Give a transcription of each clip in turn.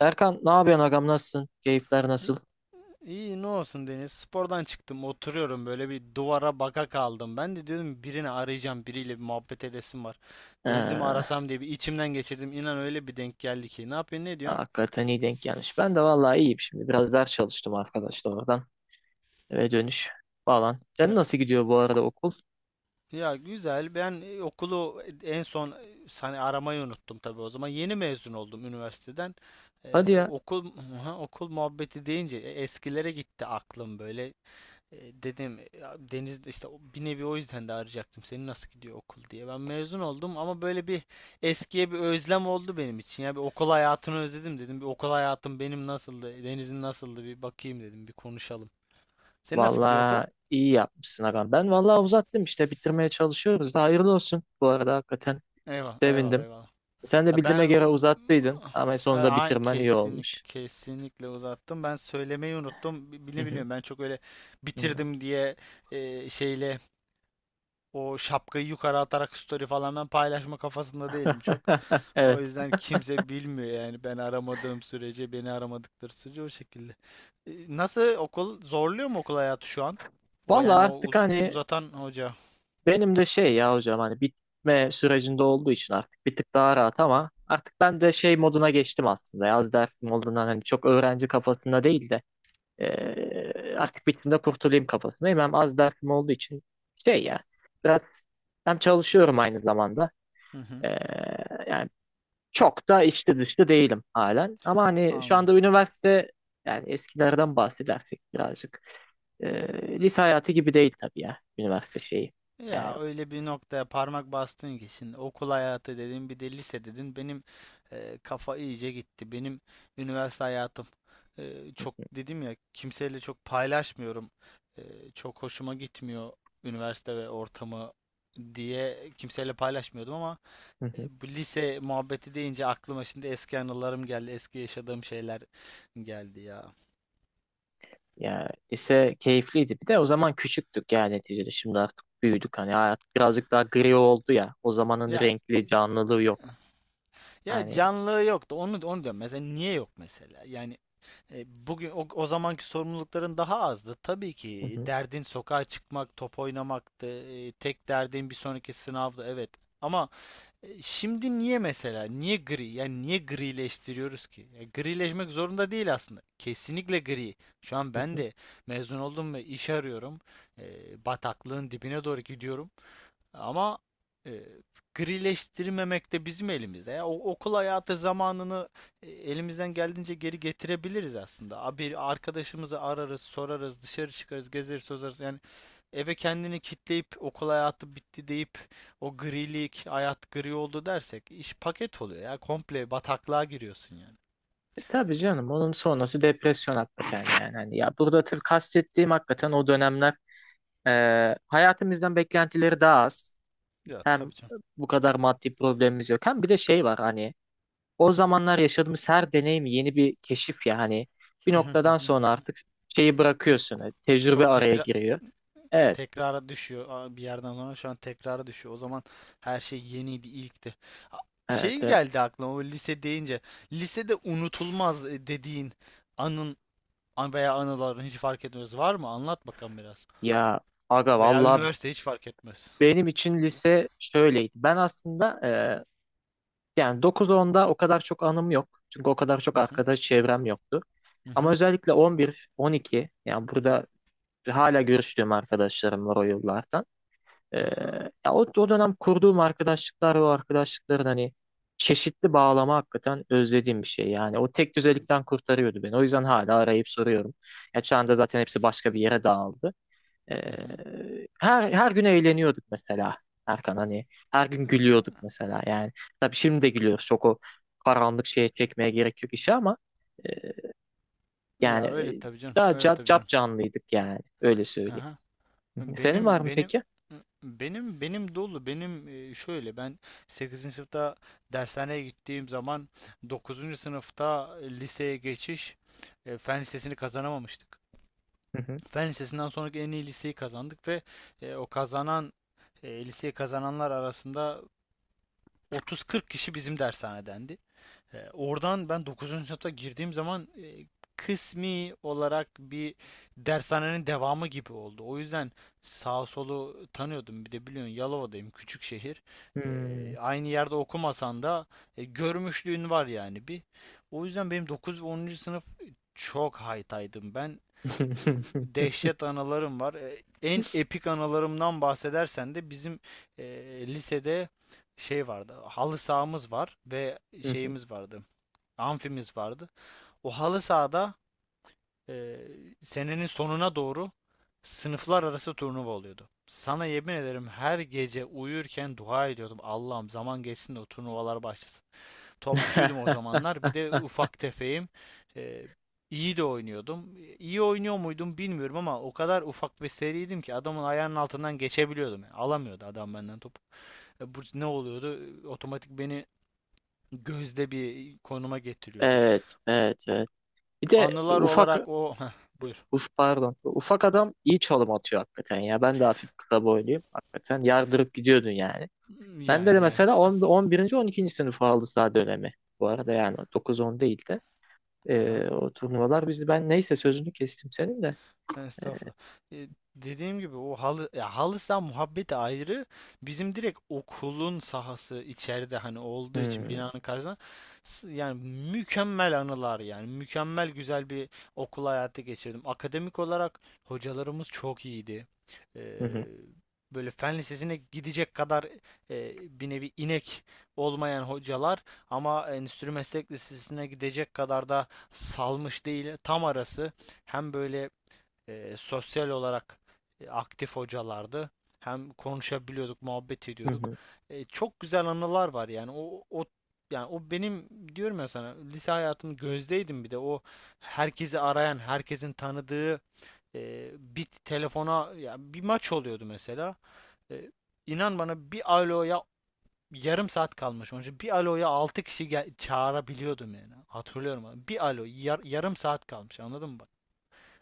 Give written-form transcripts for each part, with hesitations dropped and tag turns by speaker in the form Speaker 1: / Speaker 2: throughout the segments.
Speaker 1: Erkan ne yapıyorsun agam nasılsın? Keyifler
Speaker 2: İ-
Speaker 1: nasıl?
Speaker 2: İyi ne olsun Deniz. Spordan çıktım, oturuyorum böyle bir duvara baka kaldım. Ben de diyordum birini arayacağım, biriyle bir muhabbet edesim var. Deniz'i mi
Speaker 1: Ee,
Speaker 2: arasam diye bir içimden geçirdim. İnan öyle bir denk geldi ki. Ne yapıyorsun, ne diyorsun?
Speaker 1: hakikaten iyi denk gelmiş. Ben de vallahi iyiyim şimdi. Biraz ders çalıştım arkadaşlar oradan. Eve dönüş falan. Sen
Speaker 2: Ya
Speaker 1: nasıl gidiyor bu arada okul?
Speaker 2: ya, güzel. Ben okulu en son hani aramayı unuttum tabii o zaman. Yeni mezun oldum üniversiteden.
Speaker 1: Hadi ya.
Speaker 2: Okul okul muhabbeti deyince eskilere gitti aklım böyle. Dedim ya Deniz de işte bir nevi o yüzden de arayacaktım seni nasıl gidiyor okul diye. Ben mezun oldum ama böyle bir eskiye bir özlem oldu benim için. Ya bir okul hayatını özledim dedim. Bir okul hayatım benim nasıldı, Deniz'in nasıldı bir bakayım dedim, bir konuşalım. Senin nasıl gidiyor okul?
Speaker 1: Vallahi iyi yapmışsın agam. Ben vallahi uzattım işte bitirmeye çalışıyoruz da hayırlı olsun. Bu arada hakikaten
Speaker 2: Eyvallah, eyvallah,
Speaker 1: sevindim.
Speaker 2: eyvallah.
Speaker 1: Sen de
Speaker 2: Ya
Speaker 1: bildiğime
Speaker 2: ben
Speaker 1: göre uzattıydın ama sonunda bitirmen iyi
Speaker 2: Kesinlikle
Speaker 1: olmuş.
Speaker 2: kesinlikle uzattım. Ben söylemeyi unuttum.
Speaker 1: Hı
Speaker 2: Bile
Speaker 1: hı.
Speaker 2: biliyorum ben çok öyle
Speaker 1: Hı.
Speaker 2: bitirdim diye e, şeyle o şapkayı yukarı atarak story falan ben paylaşma kafasında değilim çok. O
Speaker 1: Evet.
Speaker 2: yüzden kimse bilmiyor yani ben aramadığım sürece, beni aramadıkları sürece o şekilde. Nasıl okul zorluyor mu okul hayatı şu an? O
Speaker 1: Vallahi
Speaker 2: yani
Speaker 1: artık hani
Speaker 2: uzatan hoca.
Speaker 1: benim de şey ya hocam hani bitme sürecinde olduğu için artık bir tık daha rahat ama artık ben de şey moduna geçtim aslında. Yaz dersim olduğundan hani çok öğrenci kafasında değil de artık bittiğinde kurtulayım kafasındayım. Hem az dersim olduğu için şey ya biraz hem çalışıyorum aynı zamanda.
Speaker 2: Hı hı,
Speaker 1: Eee, yani çok da içli dışlı değilim halen. Ama hani şu
Speaker 2: anladım.
Speaker 1: anda üniversite yani eskilerden bahsedersek birazcık lise hayatı gibi değil tabii ya üniversite şeyi. Yani.
Speaker 2: Ya öyle bir noktaya parmak bastın ki şimdi okul hayatı dedin bir de lise dedin benim kafa iyice gitti. Benim üniversite hayatım çok dedim ya kimseyle çok paylaşmıyorum. E, çok hoşuma gitmiyor üniversite ve ortamı diye kimseyle paylaşmıyordum ama bu lise muhabbeti deyince aklıma şimdi eski anılarım geldi. Eski yaşadığım şeyler geldi ya.
Speaker 1: Yani lise keyifliydi. Bir de o zaman küçüktük yani neticede. Şimdi artık büyüdük. Hani hayat birazcık daha gri oldu ya. O zamanın
Speaker 2: Ya
Speaker 1: renkli canlılığı yok.
Speaker 2: ya,
Speaker 1: Hani,
Speaker 2: canlılığı yoktu. Onu diyorum. Mesela niye yok mesela? Yani, bugün o zamanki sorumlulukların daha azdı. Tabii
Speaker 1: hı
Speaker 2: ki
Speaker 1: hı,
Speaker 2: derdin sokağa çıkmak, top oynamaktı. Tek derdin bir sonraki sınavdı. Evet. Ama şimdi niye mesela? Niye gri? Yani niye grileştiriyoruz ki? Grileşmek zorunda değil aslında. Kesinlikle gri. Şu an
Speaker 1: hı
Speaker 2: ben
Speaker 1: hı.
Speaker 2: de mezun oldum ve iş arıyorum. Bataklığın dibine doğru gidiyorum. Ama e, grileştirmemek de bizim elimizde. Ya, okul hayatı zamanını elimizden geldiğince geri getirebiliriz aslında. Bir arkadaşımızı ararız, sorarız, dışarı çıkarız, gezeriz, tozarız. Yani eve kendini kitleyip okul hayatı bitti deyip o grilik, hayat gri oldu dersek iş paket oluyor ya. Komple bataklığa giriyorsun yani.
Speaker 1: E tabii canım onun sonrası depresyon hakikaten yani. Hani ya burada tabii kastettiğim hakikaten o dönemler hayatımızdan beklentileri daha az.
Speaker 2: Ya
Speaker 1: Hem
Speaker 2: tabii canım.
Speaker 1: bu kadar maddi problemimiz yok. Hem bir de şey var hani o zamanlar yaşadığımız her deneyim yeni bir keşif ya hani bir noktadan sonra artık şeyi
Speaker 2: Hi-
Speaker 1: bırakıyorsun. Tecrübe
Speaker 2: Çok
Speaker 1: araya
Speaker 2: tekrar
Speaker 1: giriyor. Evet,
Speaker 2: Tekrara düşüyor. Bir yerden sonra şu an tekrara düşüyor. O zaman her şey yeniydi, ilkti. A-
Speaker 1: evet,
Speaker 2: Şey
Speaker 1: evet.
Speaker 2: geldi aklıma o lise deyince. Lisede unutulmaz dediğin anın veya anıların hiç fark etmez. Var mı? Anlat bakalım biraz.
Speaker 1: Ya aga
Speaker 2: Veya
Speaker 1: valla
Speaker 2: üniversite hiç fark etmez.
Speaker 1: benim için lise şöyleydi. Ben aslında yani 9-10'da o kadar çok anım yok. Çünkü o kadar çok
Speaker 2: Hı hı.
Speaker 1: arkadaş çevrem yoktu.
Speaker 2: Hı
Speaker 1: Ama
Speaker 2: hı.
Speaker 1: özellikle 11, 12 yani burada hala görüştüğüm arkadaşlarım var o yıllardan. Ee,
Speaker 2: Aha.
Speaker 1: ya o dönem kurduğum arkadaşlıklar ve o arkadaşlıkların hani çeşitli bağlama hakikaten özlediğim bir şey. Yani o tek düzelikten kurtarıyordu beni. O yüzden hala arayıp soruyorum. Ya şu anda zaten hepsi başka bir yere dağıldı. Ee,
Speaker 2: Hı hı.
Speaker 1: her gün eğleniyorduk mesela Erkan hani. Her gün gülüyorduk mesela yani. Tabii şimdi de gülüyoruz. Çok o karanlık şeye çekmeye gerek yok işi ama e, yani
Speaker 2: Ya öyle tabii canım.
Speaker 1: daha
Speaker 2: Öyle
Speaker 1: cap,
Speaker 2: tabii
Speaker 1: cap
Speaker 2: canım.
Speaker 1: canlıydık yani. Öyle söyleyeyim.
Speaker 2: Aha.
Speaker 1: Hı hı. Senin var
Speaker 2: Benim
Speaker 1: mı
Speaker 2: benim
Speaker 1: peki?
Speaker 2: benim, dolu benim. E, şöyle Ben sekizinci sınıfta dershaneye gittiğim zaman dokuzuncu sınıfta liseye geçiş fen lisesini kazanamamıştık.
Speaker 1: Hı hı.
Speaker 2: Fen lisesinden sonraki en iyi liseyi kazandık ve e, o kazanan liseyi kazananlar arasında 30-40 kişi bizim dershanedendi. Oradan ben dokuzuncu sınıfta girdiğim zaman kısmi olarak bir dershanenin devamı gibi oldu. O yüzden sağ solu tanıyordum. Bir de biliyorsun Yalova'dayım, küçük şehir.
Speaker 1: Hmm.
Speaker 2: Aynı yerde okumasan da görmüşlüğün var yani bir. O yüzden benim 9 ve onuncu sınıf çok haytaydım. Ben e, dehşet anılarım var. En epik anılarımdan bahsedersen de bizim e, lisede şey vardı. Halı sahamız var ve
Speaker 1: Hı hı.
Speaker 2: şeyimiz vardı amfimiz vardı. O halı sahada e, senenin sonuna doğru sınıflar arası turnuva oluyordu. Sana yemin ederim her gece uyurken dua ediyordum. Allah'ım zaman geçsin de o turnuvalar başlasın. Topçuydum o zamanlar. Bir de ufak tefeyim. E, iyi de oynuyordum. İyi oynuyor muydum bilmiyorum ama o kadar ufak ve seriydim ki adamın ayağının altından geçebiliyordum. Yani alamıyordu adam benden topu. Bu ne oluyordu? Otomatik beni gözde bir konuma getiriyordu.
Speaker 1: Evet, evet, evet. Bir de
Speaker 2: Anılar
Speaker 1: ufak,
Speaker 2: olarak buyur.
Speaker 1: pardon, ufak adam iyi çalım atıyor hakikaten ya. Ben de hafif kısa boyluyum hakikaten. Yardırıp gidiyordun yani. Ben de,
Speaker 2: Yani,
Speaker 1: de
Speaker 2: yani.
Speaker 1: mesela 10, 11. 12. sınıf aldı sağ dönemi. Bu arada yani dokuz on değil de
Speaker 2: Aha.
Speaker 1: o turnuvalar bizi ben neyse sözünü kestim senin de.
Speaker 2: Estağfurullah. E, Dediğim gibi o halı ya halı saha muhabbeti ayrı. Bizim direkt okulun sahası içeride hani olduğu için
Speaker 1: Hmm,
Speaker 2: binanın karşısında, yani mükemmel anılar, yani mükemmel güzel bir okul hayatı geçirdim. Akademik olarak hocalarımız çok iyiydi. Ee,
Speaker 1: hı hı,
Speaker 2: Böyle fen lisesine gidecek kadar e, bir nevi inek olmayan hocalar ama endüstri meslek lisesine gidecek kadar da salmış değil. Tam arası. Hem böyle sosyal olarak aktif hocalardı. Hem konuşabiliyorduk, muhabbet
Speaker 1: hı
Speaker 2: ediyorduk.
Speaker 1: hı.
Speaker 2: Çok güzel anılar var yani. O, o yani o Benim diyorum ya sana lise hayatımın gözdeydim bir de o herkesi arayan, herkesin tanıdığı bir telefona ya bir maç oluyordu mesela. E, inan bana bir aloya yarım saat kalmış. Onun için bir aloya 6 kişi çağırabiliyordum yani. Hatırlıyorum. Bir alo yarım saat kalmış. Anladın mı bak?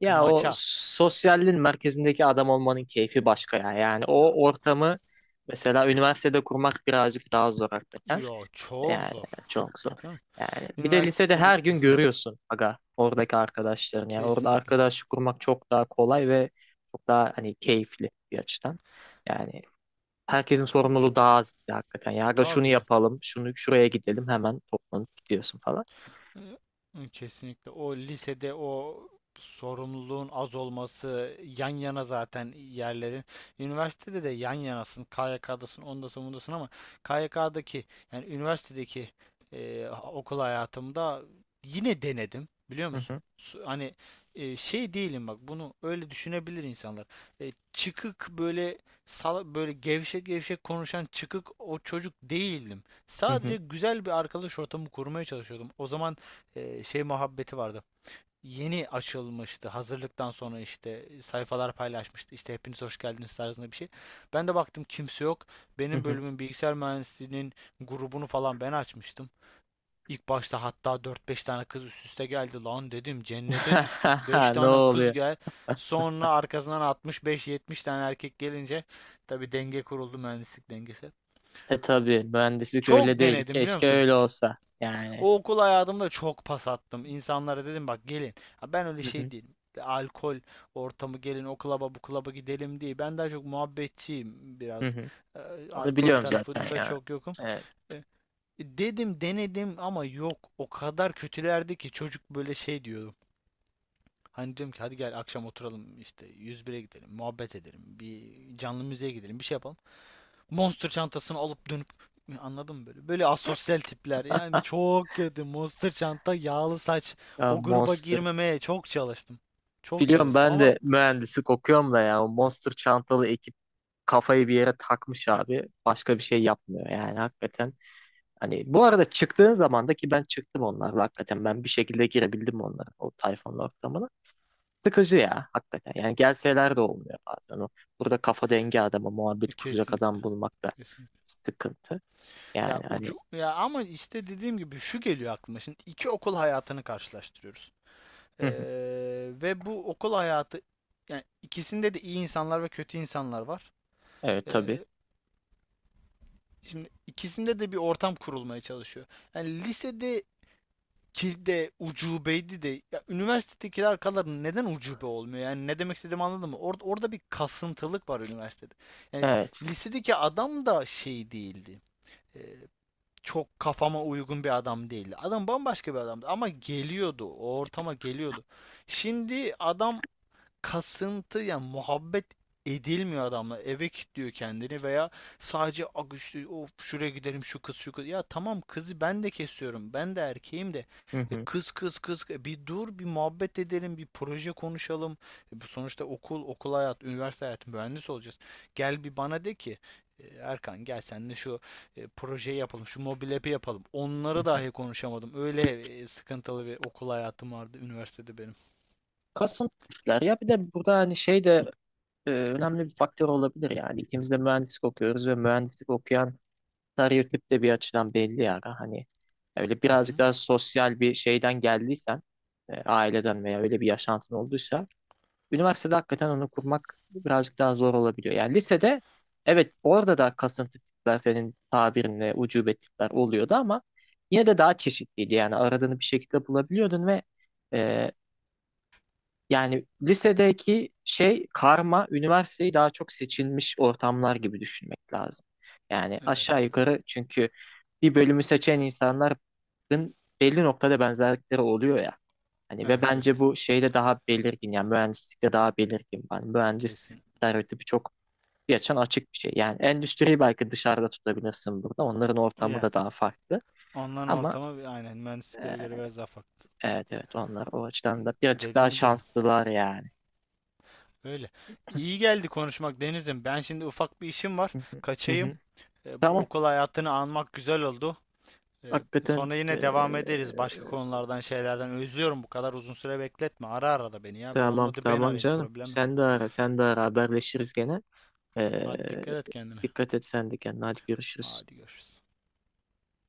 Speaker 1: Ya o
Speaker 2: Maça.
Speaker 1: sosyalliğin merkezindeki adam olmanın keyfi başka ya. Yani o ortamı mesela üniversitede kurmak birazcık daha zor hakikaten.
Speaker 2: Yo çok
Speaker 1: Yani
Speaker 2: zor.
Speaker 1: çok zor.
Speaker 2: Canım.
Speaker 1: Yani bir de
Speaker 2: Üniversite
Speaker 1: lisede
Speaker 2: ünü-
Speaker 1: her gün görüyorsun aga oradaki arkadaşlarını. Yani orada
Speaker 2: Kesinlikle.
Speaker 1: arkadaşlık kurmak çok daha kolay ve çok daha hani keyifli bir açıdan. Yani herkesin sorumluluğu daha az bir de hakikaten. Ya aga şunu
Speaker 2: Tabii canım.
Speaker 1: yapalım, şunu şuraya gidelim hemen toplanıp gidiyorsun falan.
Speaker 2: Hı. Kesinlikle. O lisede o sorumluluğun az olması, yan yana zaten yerlerin. Üniversitede de yan yanasın, KYK'dasın, ondasın, bundasın ama KYK'daki yani üniversitedeki e, okul hayatımda yine denedim biliyor
Speaker 1: Hı
Speaker 2: musun?
Speaker 1: hı,
Speaker 2: Hani şey değilim bak bunu öyle düşünebilir insanlar. Çıkık böyle sala, böyle gevşek gevşek konuşan çıkık o çocuk değildim.
Speaker 1: hı hı,
Speaker 2: Sadece güzel bir arkadaş ortamı kurmaya çalışıyordum. O zaman şey muhabbeti vardı. Yeni açılmıştı. Hazırlıktan sonra işte sayfalar paylaşmıştı. İşte hepiniz hoş geldiniz tarzında bir şey. Ben de baktım kimse yok.
Speaker 1: hı
Speaker 2: Benim
Speaker 1: hı.
Speaker 2: bölümün bilgisayar mühendisliğinin grubunu falan ben açmıştım. İlk başta hatta dört beş tane kız üst üste geldi. Lan dedim cennete düştük. 5
Speaker 1: Ne
Speaker 2: tane kız
Speaker 1: oluyor?
Speaker 2: gel. Sonra arkasından altmış beş 70 tane erkek gelince tabii denge kuruldu mühendislik dengesi.
Speaker 1: E tabii mühendislik öyle
Speaker 2: Çok
Speaker 1: değil.
Speaker 2: denedim biliyor
Speaker 1: Keşke
Speaker 2: musun?
Speaker 1: öyle olsa. Yani.
Speaker 2: O okul hayatımda çok pas attım. İnsanlara dedim bak gelin. Ha, ben öyle
Speaker 1: Hı hı,
Speaker 2: şey değilim. Alkol ortamı gelin o klaba bu klaba gidelim diye. Ben daha çok muhabbetçiyim
Speaker 1: hı
Speaker 2: biraz.
Speaker 1: hı. Onu
Speaker 2: Alkol
Speaker 1: biliyorum zaten
Speaker 2: tarafında
Speaker 1: ya.
Speaker 2: çok yokum.
Speaker 1: Evet.
Speaker 2: Ee, Dedim denedim ama yok. O kadar kötülerdi ki çocuk böyle şey diyordu. Hani diyorum ki hadi gel akşam oturalım işte 101'e gidelim, muhabbet edelim, bir canlı müziğe gidelim, bir şey yapalım. Monster çantasını alıp dönüp anladın mı böyle? Böyle asosyal tipler. Yani çok kötü. Monster çanta, yağlı saç.
Speaker 1: Ya
Speaker 2: O gruba
Speaker 1: Monster.
Speaker 2: girmemeye çok çalıştım. Çok
Speaker 1: Biliyorum
Speaker 2: çalıştım
Speaker 1: ben
Speaker 2: ama
Speaker 1: de mühendislik okuyorum da ya. O Monster çantalı ekip kafayı bir yere takmış abi. Başka bir şey yapmıyor yani hakikaten. Hani bu arada çıktığın zaman da ki ben çıktım onlarla hakikaten. Ben bir şekilde girebildim onlara o tayfanın ortamına. Sıkıcı ya hakikaten. Yani gelseler de olmuyor bazen o. Burada kafa dengi adama muhabbet kuracak
Speaker 2: kesinlikle,
Speaker 1: adam bulmak da
Speaker 2: kesinlikle.
Speaker 1: sıkıntı.
Speaker 2: Ya
Speaker 1: Yani hani,
Speaker 2: ucu Ya ama işte dediğim gibi şu geliyor aklıma. Şimdi iki okul hayatını karşılaştırıyoruz. Ee,
Speaker 1: hı hı.
Speaker 2: Ve bu okul hayatı yani ikisinde de iyi insanlar ve kötü insanlar var.
Speaker 1: Evet
Speaker 2: Ee,
Speaker 1: tabii.
Speaker 2: Şimdi ikisinde de bir ortam kurulmaya çalışıyor. Yani lisede ki de ucubeydi de ya üniversitedeki arkaların neden ucube olmuyor? Yani ne demek istediğimi anladın mı? Orada bir kasıntılık var üniversitede. Yani
Speaker 1: Evet.
Speaker 2: lisedeki adam da şey değildi. Ee, Çok kafama uygun bir adam değildi. Adam bambaşka bir adamdı ama geliyordu. O ortama geliyordu. Şimdi adam kasıntı yani muhabbet edilmiyor adamla. Eve kilitliyor kendini veya sadece "Ak işte of şuraya gidelim şu kız şu kız." Ya tamam kızı ben de kesiyorum. Ben de erkeğim de.
Speaker 1: Hı hı.
Speaker 2: Kız, kız, kız. Bir dur bir muhabbet edelim bir proje konuşalım. Bu sonuçta okul okul hayat üniversite hayatı mühendis olacağız. Gel bir bana de ki: Erkan gel sen de şu projeyi yapalım şu mobil app'i yapalım."
Speaker 1: Hı
Speaker 2: Onları
Speaker 1: hı.
Speaker 2: dahi konuşamadım. Öyle sıkıntılı bir okul hayatım vardı üniversitede benim.
Speaker 1: Kasıntılılar ya bir de burada hani şey de önemli bir faktör olabilir yani ikimiz de mühendislik okuyoruz ve mühendislik okuyan stereotip de bir açıdan belli yani hani öyle
Speaker 2: Hı
Speaker 1: birazcık
Speaker 2: hı.
Speaker 1: daha sosyal bir şeyden geldiysen aileden veya öyle bir yaşantın olduysa üniversitede hakikaten onu kurmak birazcık daha zor olabiliyor. Yani lisede evet orada da kasıntı tipler senin tabirinle ucube tipler oluyordu ama yine de daha çeşitliydi. Yani aradığını bir şekilde bulabiliyordun ve e, yani lisedeki şey karma üniversiteyi daha çok seçilmiş ortamlar gibi düşünmek lazım. Yani
Speaker 2: Öyle
Speaker 1: aşağı
Speaker 2: öyle.
Speaker 1: yukarı çünkü bir bölümü seçen insanların belli noktada benzerlikleri oluyor ya. Hani ve
Speaker 2: Evet
Speaker 1: bence
Speaker 2: evet,
Speaker 1: bu şeyde daha belirgin yani mühendislikte daha belirgin. Yani mühendis
Speaker 2: kesin.
Speaker 1: stereotipi çok bir açan açık bir şey. Yani endüstriyi belki dışarıda tutabilirsin burada. Onların ortamı
Speaker 2: Yani
Speaker 1: da daha farklı.
Speaker 2: onların
Speaker 1: Ama
Speaker 2: ortama aynen
Speaker 1: e,
Speaker 2: mühendisliklere göre biraz daha farklı.
Speaker 1: evet evet onlar o açıdan da birazcık daha
Speaker 2: Dediğin gibi öyle.
Speaker 1: şanslılar yani.
Speaker 2: Öyle. İyi geldi konuşmak Deniz'im. Ben şimdi ufak bir işim var. Kaçayım. Bu
Speaker 1: Tamam.
Speaker 2: okul hayatını anmak güzel oldu.
Speaker 1: Hakikaten
Speaker 2: Sonra yine devam ederiz başka konulardan şeylerden. Özlüyorum, bu kadar uzun süre bekletme. Ara ara da beni ya.
Speaker 1: tamam
Speaker 2: Olmadı ben
Speaker 1: tamam
Speaker 2: arayayım,
Speaker 1: canım.
Speaker 2: problem yok.
Speaker 1: Sen de ara sen de ara haberleşiriz gene.
Speaker 2: Hadi dikkat
Speaker 1: Eee,
Speaker 2: et kendine.
Speaker 1: dikkat et sen de kendine. Hadi görüşürüz.
Speaker 2: Hadi görüşürüz.